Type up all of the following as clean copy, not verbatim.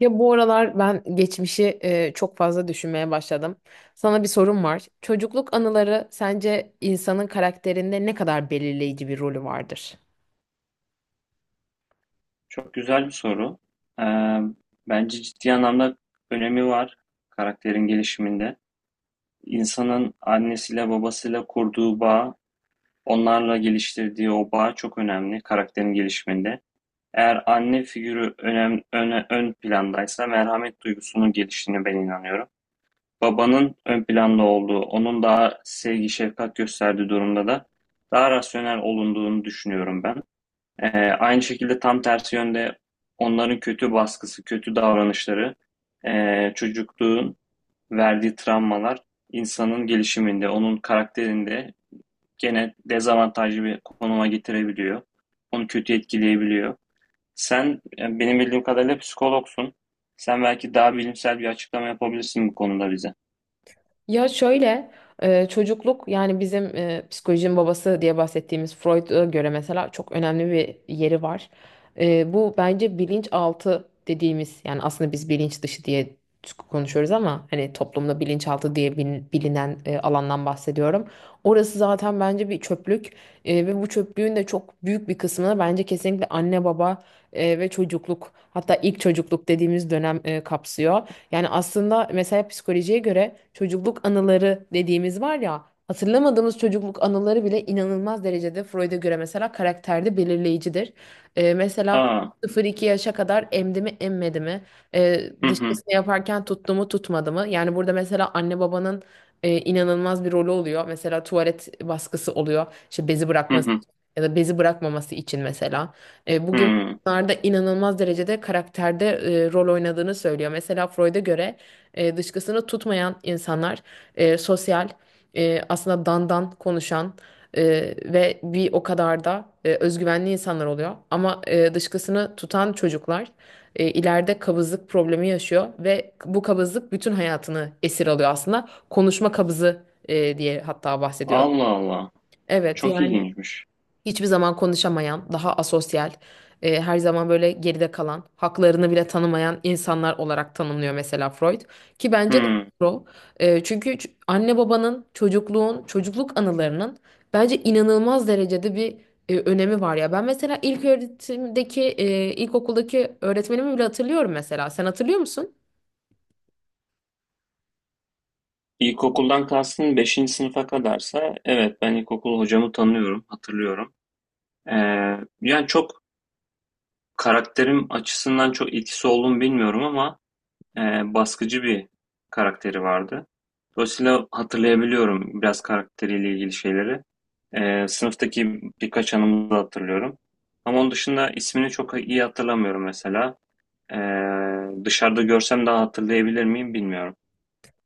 Ya bu aralar ben geçmişi çok fazla düşünmeye başladım. Sana bir sorum var. Çocukluk anıları sence insanın karakterinde ne kadar belirleyici bir rolü vardır? Çok güzel bir soru. Ee, bence ciddi anlamda önemi var karakterin gelişiminde. İnsanın annesiyle babasıyla kurduğu bağ, onlarla geliştirdiği o bağ çok önemli karakterin gelişiminde. Eğer anne figürü ön plandaysa merhamet duygusunun geliştiğine ben inanıyorum. Babanın ön planda olduğu, onun daha sevgi, şefkat gösterdiği durumda da daha rasyonel olunduğunu düşünüyorum ben. Aynı şekilde tam tersi yönde onların kötü baskısı, kötü davranışları, çocukluğun verdiği travmalar insanın gelişiminde, onun karakterinde gene dezavantajlı bir konuma getirebiliyor. Onu kötü etkileyebiliyor. Sen benim bildiğim kadarıyla psikologsun. Sen belki daha bilimsel bir açıklama yapabilirsin bu konuda bize. Ya şöyle çocukluk yani bizim psikolojinin babası diye bahsettiğimiz Freud'a göre mesela çok önemli bir yeri var. Bu bence bilinçaltı dediğimiz yani aslında biz bilinç dışı diye konuşuyoruz ama hani toplumda bilinçaltı diye bilinen alandan bahsediyorum. Orası zaten bence bir çöplük. Ve bu çöplüğün de çok büyük bir kısmını bence kesinlikle anne baba ve çocukluk, hatta ilk çocukluk dediğimiz dönem kapsıyor. Yani aslında mesela psikolojiye göre çocukluk anıları dediğimiz var ya, hatırlamadığımız çocukluk anıları bile inanılmaz derecede Freud'a göre mesela karakterde belirleyicidir. Mesela Aa, 0-2 yaşa kadar emdi mi emmedi mi? Hı hı. Dışkısını yaparken tuttu mu tutmadı mı? Yani burada mesela anne babanın inanılmaz bir rolü oluyor. Mesela tuvalet baskısı oluyor. İşte bezi Hı bırakması hı. ya da bezi bırakmaması için mesela. E, bu gibi Hı. Bunlar da inanılmaz derecede karakterde rol oynadığını söylüyor. Mesela Freud'a göre dışkısını tutmayan insanlar sosyal, aslında dandan konuşan e, ve bir o kadar da özgüvenli insanlar oluyor. Ama dışkısını tutan çocuklar ileride kabızlık problemi yaşıyor ve bu kabızlık bütün hayatını esir alıyor aslında. Konuşma kabızı diye hatta bahsediyor. Allah Allah. Evet Çok yani ilginçmiş. hiçbir zaman konuşamayan, daha asosyal, her zaman böyle geride kalan, haklarını bile tanımayan insanlar olarak tanımlıyor mesela Freud. Ki bence de Hı. doğru. Çünkü anne babanın, çocukluğun, çocukluk anılarının bence inanılmaz derecede bir önemi var ya. Ben mesela ilk öğretimdeki, ilkokuldaki öğretmenimi bile hatırlıyorum mesela. Sen hatırlıyor musun? İlkokuldan kastın beşinci sınıfa kadarsa evet ben ilkokul hocamı tanıyorum, hatırlıyorum. Ee, yani çok karakterim açısından çok etkisi olduğunu bilmiyorum ama e, baskıcı bir karakteri vardı. Dolayısıyla hatırlayabiliyorum biraz karakteriyle ilgili şeyleri. Sınıftaki birkaç anımı da hatırlıyorum. Ama onun dışında ismini çok iyi hatırlamıyorum mesela. Dışarıda görsem daha hatırlayabilir miyim bilmiyorum.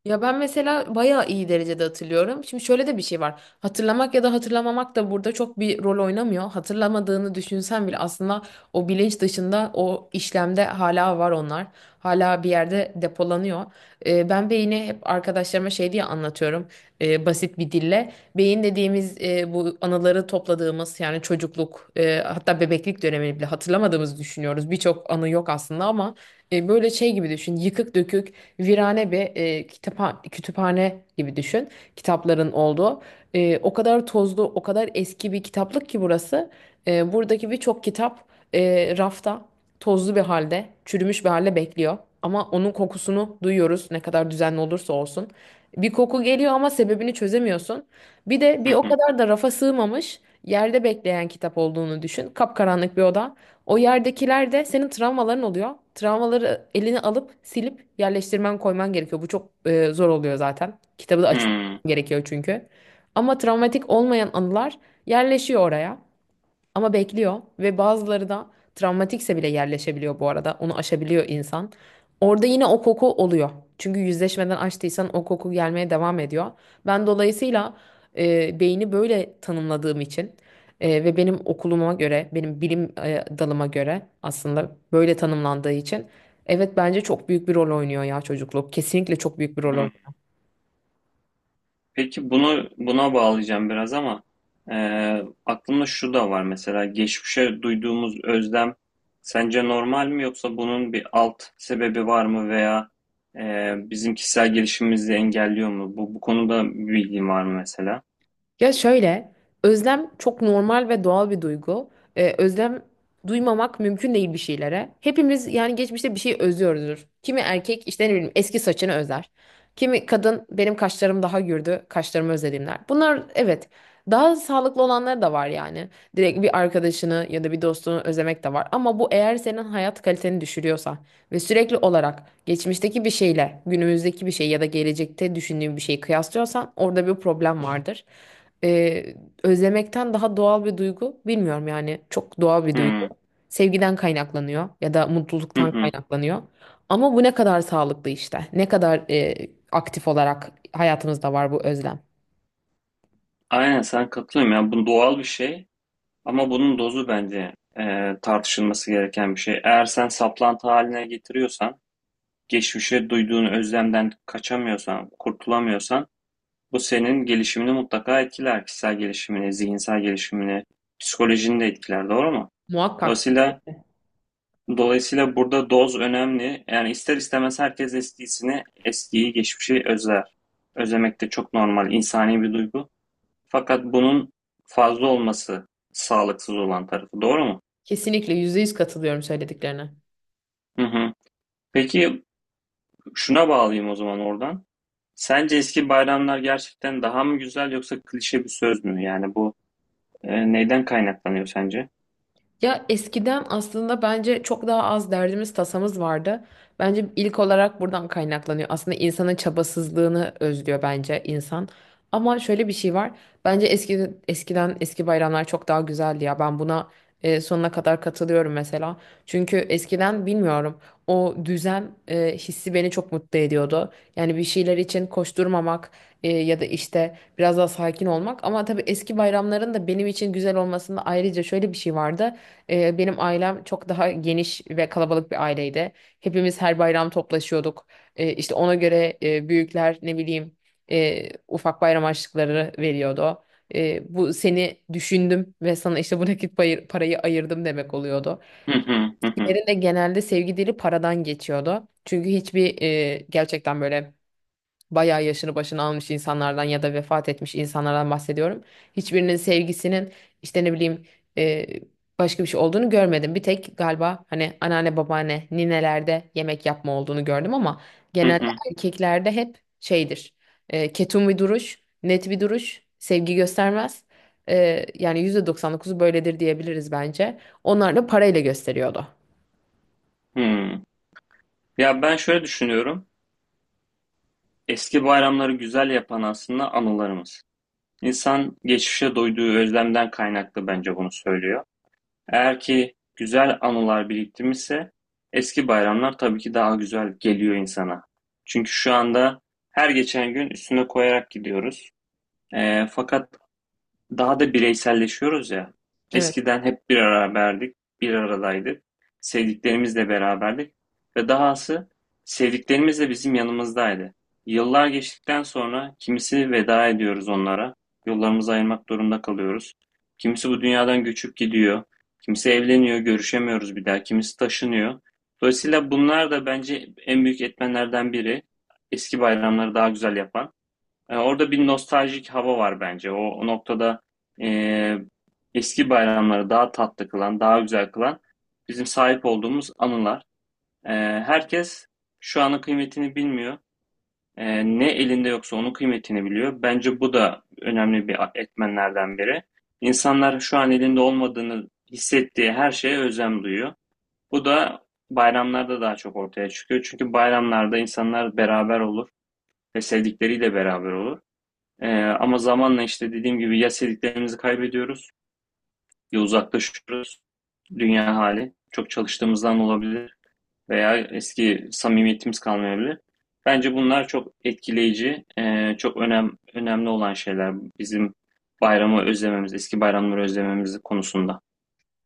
Ya ben mesela bayağı iyi derecede hatırlıyorum. Şimdi şöyle de bir şey var. Hatırlamak ya da hatırlamamak da burada çok bir rol oynamıyor. Hatırlamadığını düşünsen bile aslında o bilinç dışında o işlemde hala var onlar. Hala bir yerde depolanıyor. Ben beyni hep arkadaşlarıma şey diye anlatıyorum, basit bir dille. Beyin dediğimiz, bu anıları topladığımız, yani çocukluk, hatta bebeklik dönemini bile hatırlamadığımızı düşünüyoruz. Birçok anı yok aslında, ama böyle şey gibi düşün, yıkık dökük virane bir kütüphane gibi düşün. Kitapların olduğu. O kadar tozlu, o kadar eski bir kitaplık ki burası. Buradaki birçok kitap rafta tozlu bir halde, çürümüş bir halde bekliyor. Ama onun kokusunu duyuyoruz, ne kadar düzenli olursa olsun. Bir koku geliyor ama sebebini çözemiyorsun. Bir de bir Hı o hı. kadar da rafa sığmamış, yerde bekleyen kitap olduğunu düşün. Kapkaranlık bir oda. O yerdekiler de senin travmaların oluyor. Travmaları elini alıp silip yerleştirmen, koyman gerekiyor. Bu çok zor oluyor zaten. Kitabı da açman Hmm, gerekiyor çünkü. Ama travmatik olmayan anılar yerleşiyor oraya. Ama bekliyor, ve bazıları da travmatikse bile yerleşebiliyor bu arada. Onu aşabiliyor insan. Orada yine o koku oluyor. Çünkü yüzleşmeden açtıysan o koku gelmeye devam ediyor. Ben dolayısıyla beyni böyle tanımladığım için ve benim okuluma göre, benim bilim dalıma göre aslında böyle tanımlandığı için, evet bence çok büyük bir rol oynuyor ya çocukluk. Kesinlikle çok büyük bir rol hı. oynuyor. Peki bunu buna bağlayacağım biraz ama aklımda şu da var mesela geçmişe duyduğumuz özlem sence normal mi yoksa bunun bir alt sebebi var mı veya bizim kişisel gelişimimizi engelliyor mu? Bu konuda bir bilgin var mı mesela? Ya şöyle, özlem çok normal ve doğal bir duygu. Özlem duymamak mümkün değil bir şeylere. Hepimiz yani geçmişte bir şey özlüyoruzdur. Kimi erkek işte ne bileyim eski saçını özler. Kimi kadın benim kaşlarım daha gürdü, kaşlarımı özledim der. Bunlar evet, daha sağlıklı olanları da var yani. Direkt bir arkadaşını ya da bir dostunu özlemek de var. Ama bu eğer senin hayat kaliteni düşürüyorsa ve sürekli olarak geçmişteki bir şeyle günümüzdeki bir şey ya da gelecekte düşündüğün bir şeyi kıyaslıyorsan orada bir problem vardır. e, Özlemekten daha doğal bir duygu bilmiyorum, yani çok doğal bir duygu. Hı Sevgiden kaynaklanıyor ya da hı. mutluluktan Hı. kaynaklanıyor. Ama bu ne kadar sağlıklı işte. Ne kadar aktif olarak hayatımızda var bu özlem. Aynen sen katılıyorum ya bu doğal bir şey. Ama bunun dozu bence tartışılması gereken bir şey. Eğer sen saplantı haline getiriyorsan, geçmişe duyduğun özlemden kaçamıyorsan, kurtulamıyorsan, bu senin gelişimini mutlaka etkiler. Kişisel gelişimini, zihinsel gelişimini, psikolojini de etkiler, doğru mu? Muhakkak. Dolayısıyla dolayısıyla burada doz önemli. Yani ister istemez herkes eskisini, eskiyi, geçmişi özler. Özlemek de çok normal, insani bir duygu. Fakat bunun fazla olması sağlıksız olan tarafı, doğru mu? Kesinlikle %100 katılıyorum söylediklerine. Hı hı. Peki şuna bağlayayım o zaman oradan. Sence eski bayramlar gerçekten daha mı güzel yoksa klişe bir söz mü? Yani bu neyden kaynaklanıyor sence? Ya eskiden aslında bence çok daha az derdimiz tasamız vardı. Bence ilk olarak buradan kaynaklanıyor. Aslında insanın çabasızlığını özlüyor bence insan. Ama şöyle bir şey var. Bence eskiden eski bayramlar çok daha güzeldi ya. Ben buna sonuna kadar katılıyorum mesela. Çünkü eskiden, bilmiyorum, o düzen hissi beni çok mutlu ediyordu. Yani bir şeyler için koşturmamak, ya da işte biraz daha sakin olmak. Ama tabii eski bayramların da benim için güzel olmasında ayrıca şöyle bir şey vardı. Benim ailem çok daha geniş ve kalabalık bir aileydi. Hepimiz her bayram toplaşıyorduk. İşte ona göre büyükler ne bileyim ufak bayram harçlıkları veriyordu. Bu seni düşündüm ve sana işte bu nakit parayı ayırdım demek oluyordu. Hı hı hı hı Diğerinde genelde sevgi dili paradan geçiyordu. Çünkü hiçbir gerçekten böyle bayağı yaşını başını almış insanlardan ya da vefat etmiş insanlardan bahsediyorum. Hiçbirinin sevgisinin işte ne bileyim e, başka bir şey olduğunu görmedim. Bir tek galiba hani anneanne, babaanne, ninelerde yemek yapma olduğunu gördüm ama hı genelde hı. erkeklerde hep şeydir. Ketum bir duruş, net bir duruş, sevgi göstermez. Yani %99'u böyledir diyebiliriz bence. Onlar da parayla gösteriyordu. Hı. Ya ben şöyle düşünüyorum. Eski bayramları güzel yapan aslında anılarımız. İnsan geçmişe duyduğu özlemden kaynaklı bence bunu söylüyor. Eğer ki güzel anılar biriktirmişse eski bayramlar tabii ki daha güzel geliyor insana. Çünkü şu anda her geçen gün üstüne koyarak gidiyoruz. Fakat daha da bireyselleşiyoruz ya. Evet. Eskiden hep bir beraberdik, bir aradaydık. Sevdiklerimizle beraberdik ve dahası sevdiklerimiz de bizim yanımızdaydı. Yıllar geçtikten sonra kimisi veda ediyoruz onlara, yollarımızı ayırmak durumunda kalıyoruz. Kimisi bu dünyadan göçüp gidiyor, kimisi evleniyor, görüşemiyoruz bir daha, kimisi taşınıyor. Dolayısıyla bunlar da bence en büyük etmenlerden biri. Eski bayramları daha güzel yapan. E, orada bir nostaljik hava var bence. O noktada e, eski bayramları daha tatlı kılan, daha güzel kılan bizim sahip olduğumuz anılar. E, herkes şu anın kıymetini bilmiyor. E, ne elinde yoksa onun kıymetini biliyor. Bence bu da önemli bir etmenlerden biri. İnsanlar şu an elinde olmadığını hissettiği her şeye özlem duyuyor. Bu da bayramlarda daha çok ortaya çıkıyor. Çünkü bayramlarda insanlar beraber olur ve sevdikleriyle beraber olur. Ama zamanla işte dediğim gibi ya sevdiklerimizi kaybediyoruz ya uzaklaşıyoruz. Dünya hali. Çok çalıştığımızdan olabilir veya eski samimiyetimiz kalmayabilir. Bence bunlar çok etkileyici, çok önemli olan şeyler bizim bayramı özlememiz, eski bayramları özlememiz konusunda.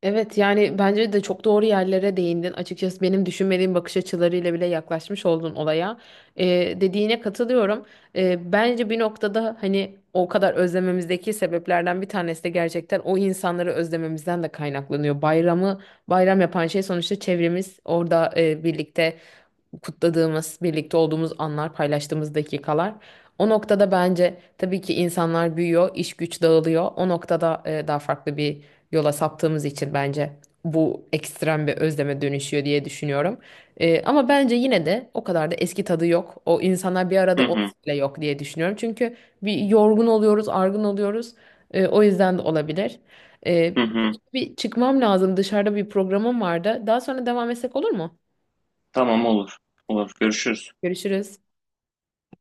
Evet yani bence de çok doğru yerlere değindin. Açıkçası benim düşünmediğim bakış açılarıyla bile yaklaşmış oldun olaya. Ee, Dediğine katılıyorum. Bence bir noktada hani o kadar özlememizdeki sebeplerden bir tanesi de gerçekten o insanları özlememizden de kaynaklanıyor. Bayramı bayram yapan şey sonuçta çevremiz, orada birlikte kutladığımız, birlikte olduğumuz anlar, paylaştığımız dakikalar. O noktada bence tabii ki insanlar büyüyor, iş güç dağılıyor. O noktada daha farklı bir yola saptığımız için bence bu ekstrem bir özleme dönüşüyor diye düşünüyorum. Ama bence yine de o kadar da eski tadı yok. O insanlar bir Hı arada hı, olsa bile yok diye düşünüyorum. Çünkü bir yorgun oluyoruz, argın oluyoruz. O yüzden de olabilir. E, hı hı. Bir çıkmam lazım. Dışarıda bir programım vardı. Daha sonra devam etsek olur mu? Tamam olur, olur. Görüşürüz. Görüşürüz.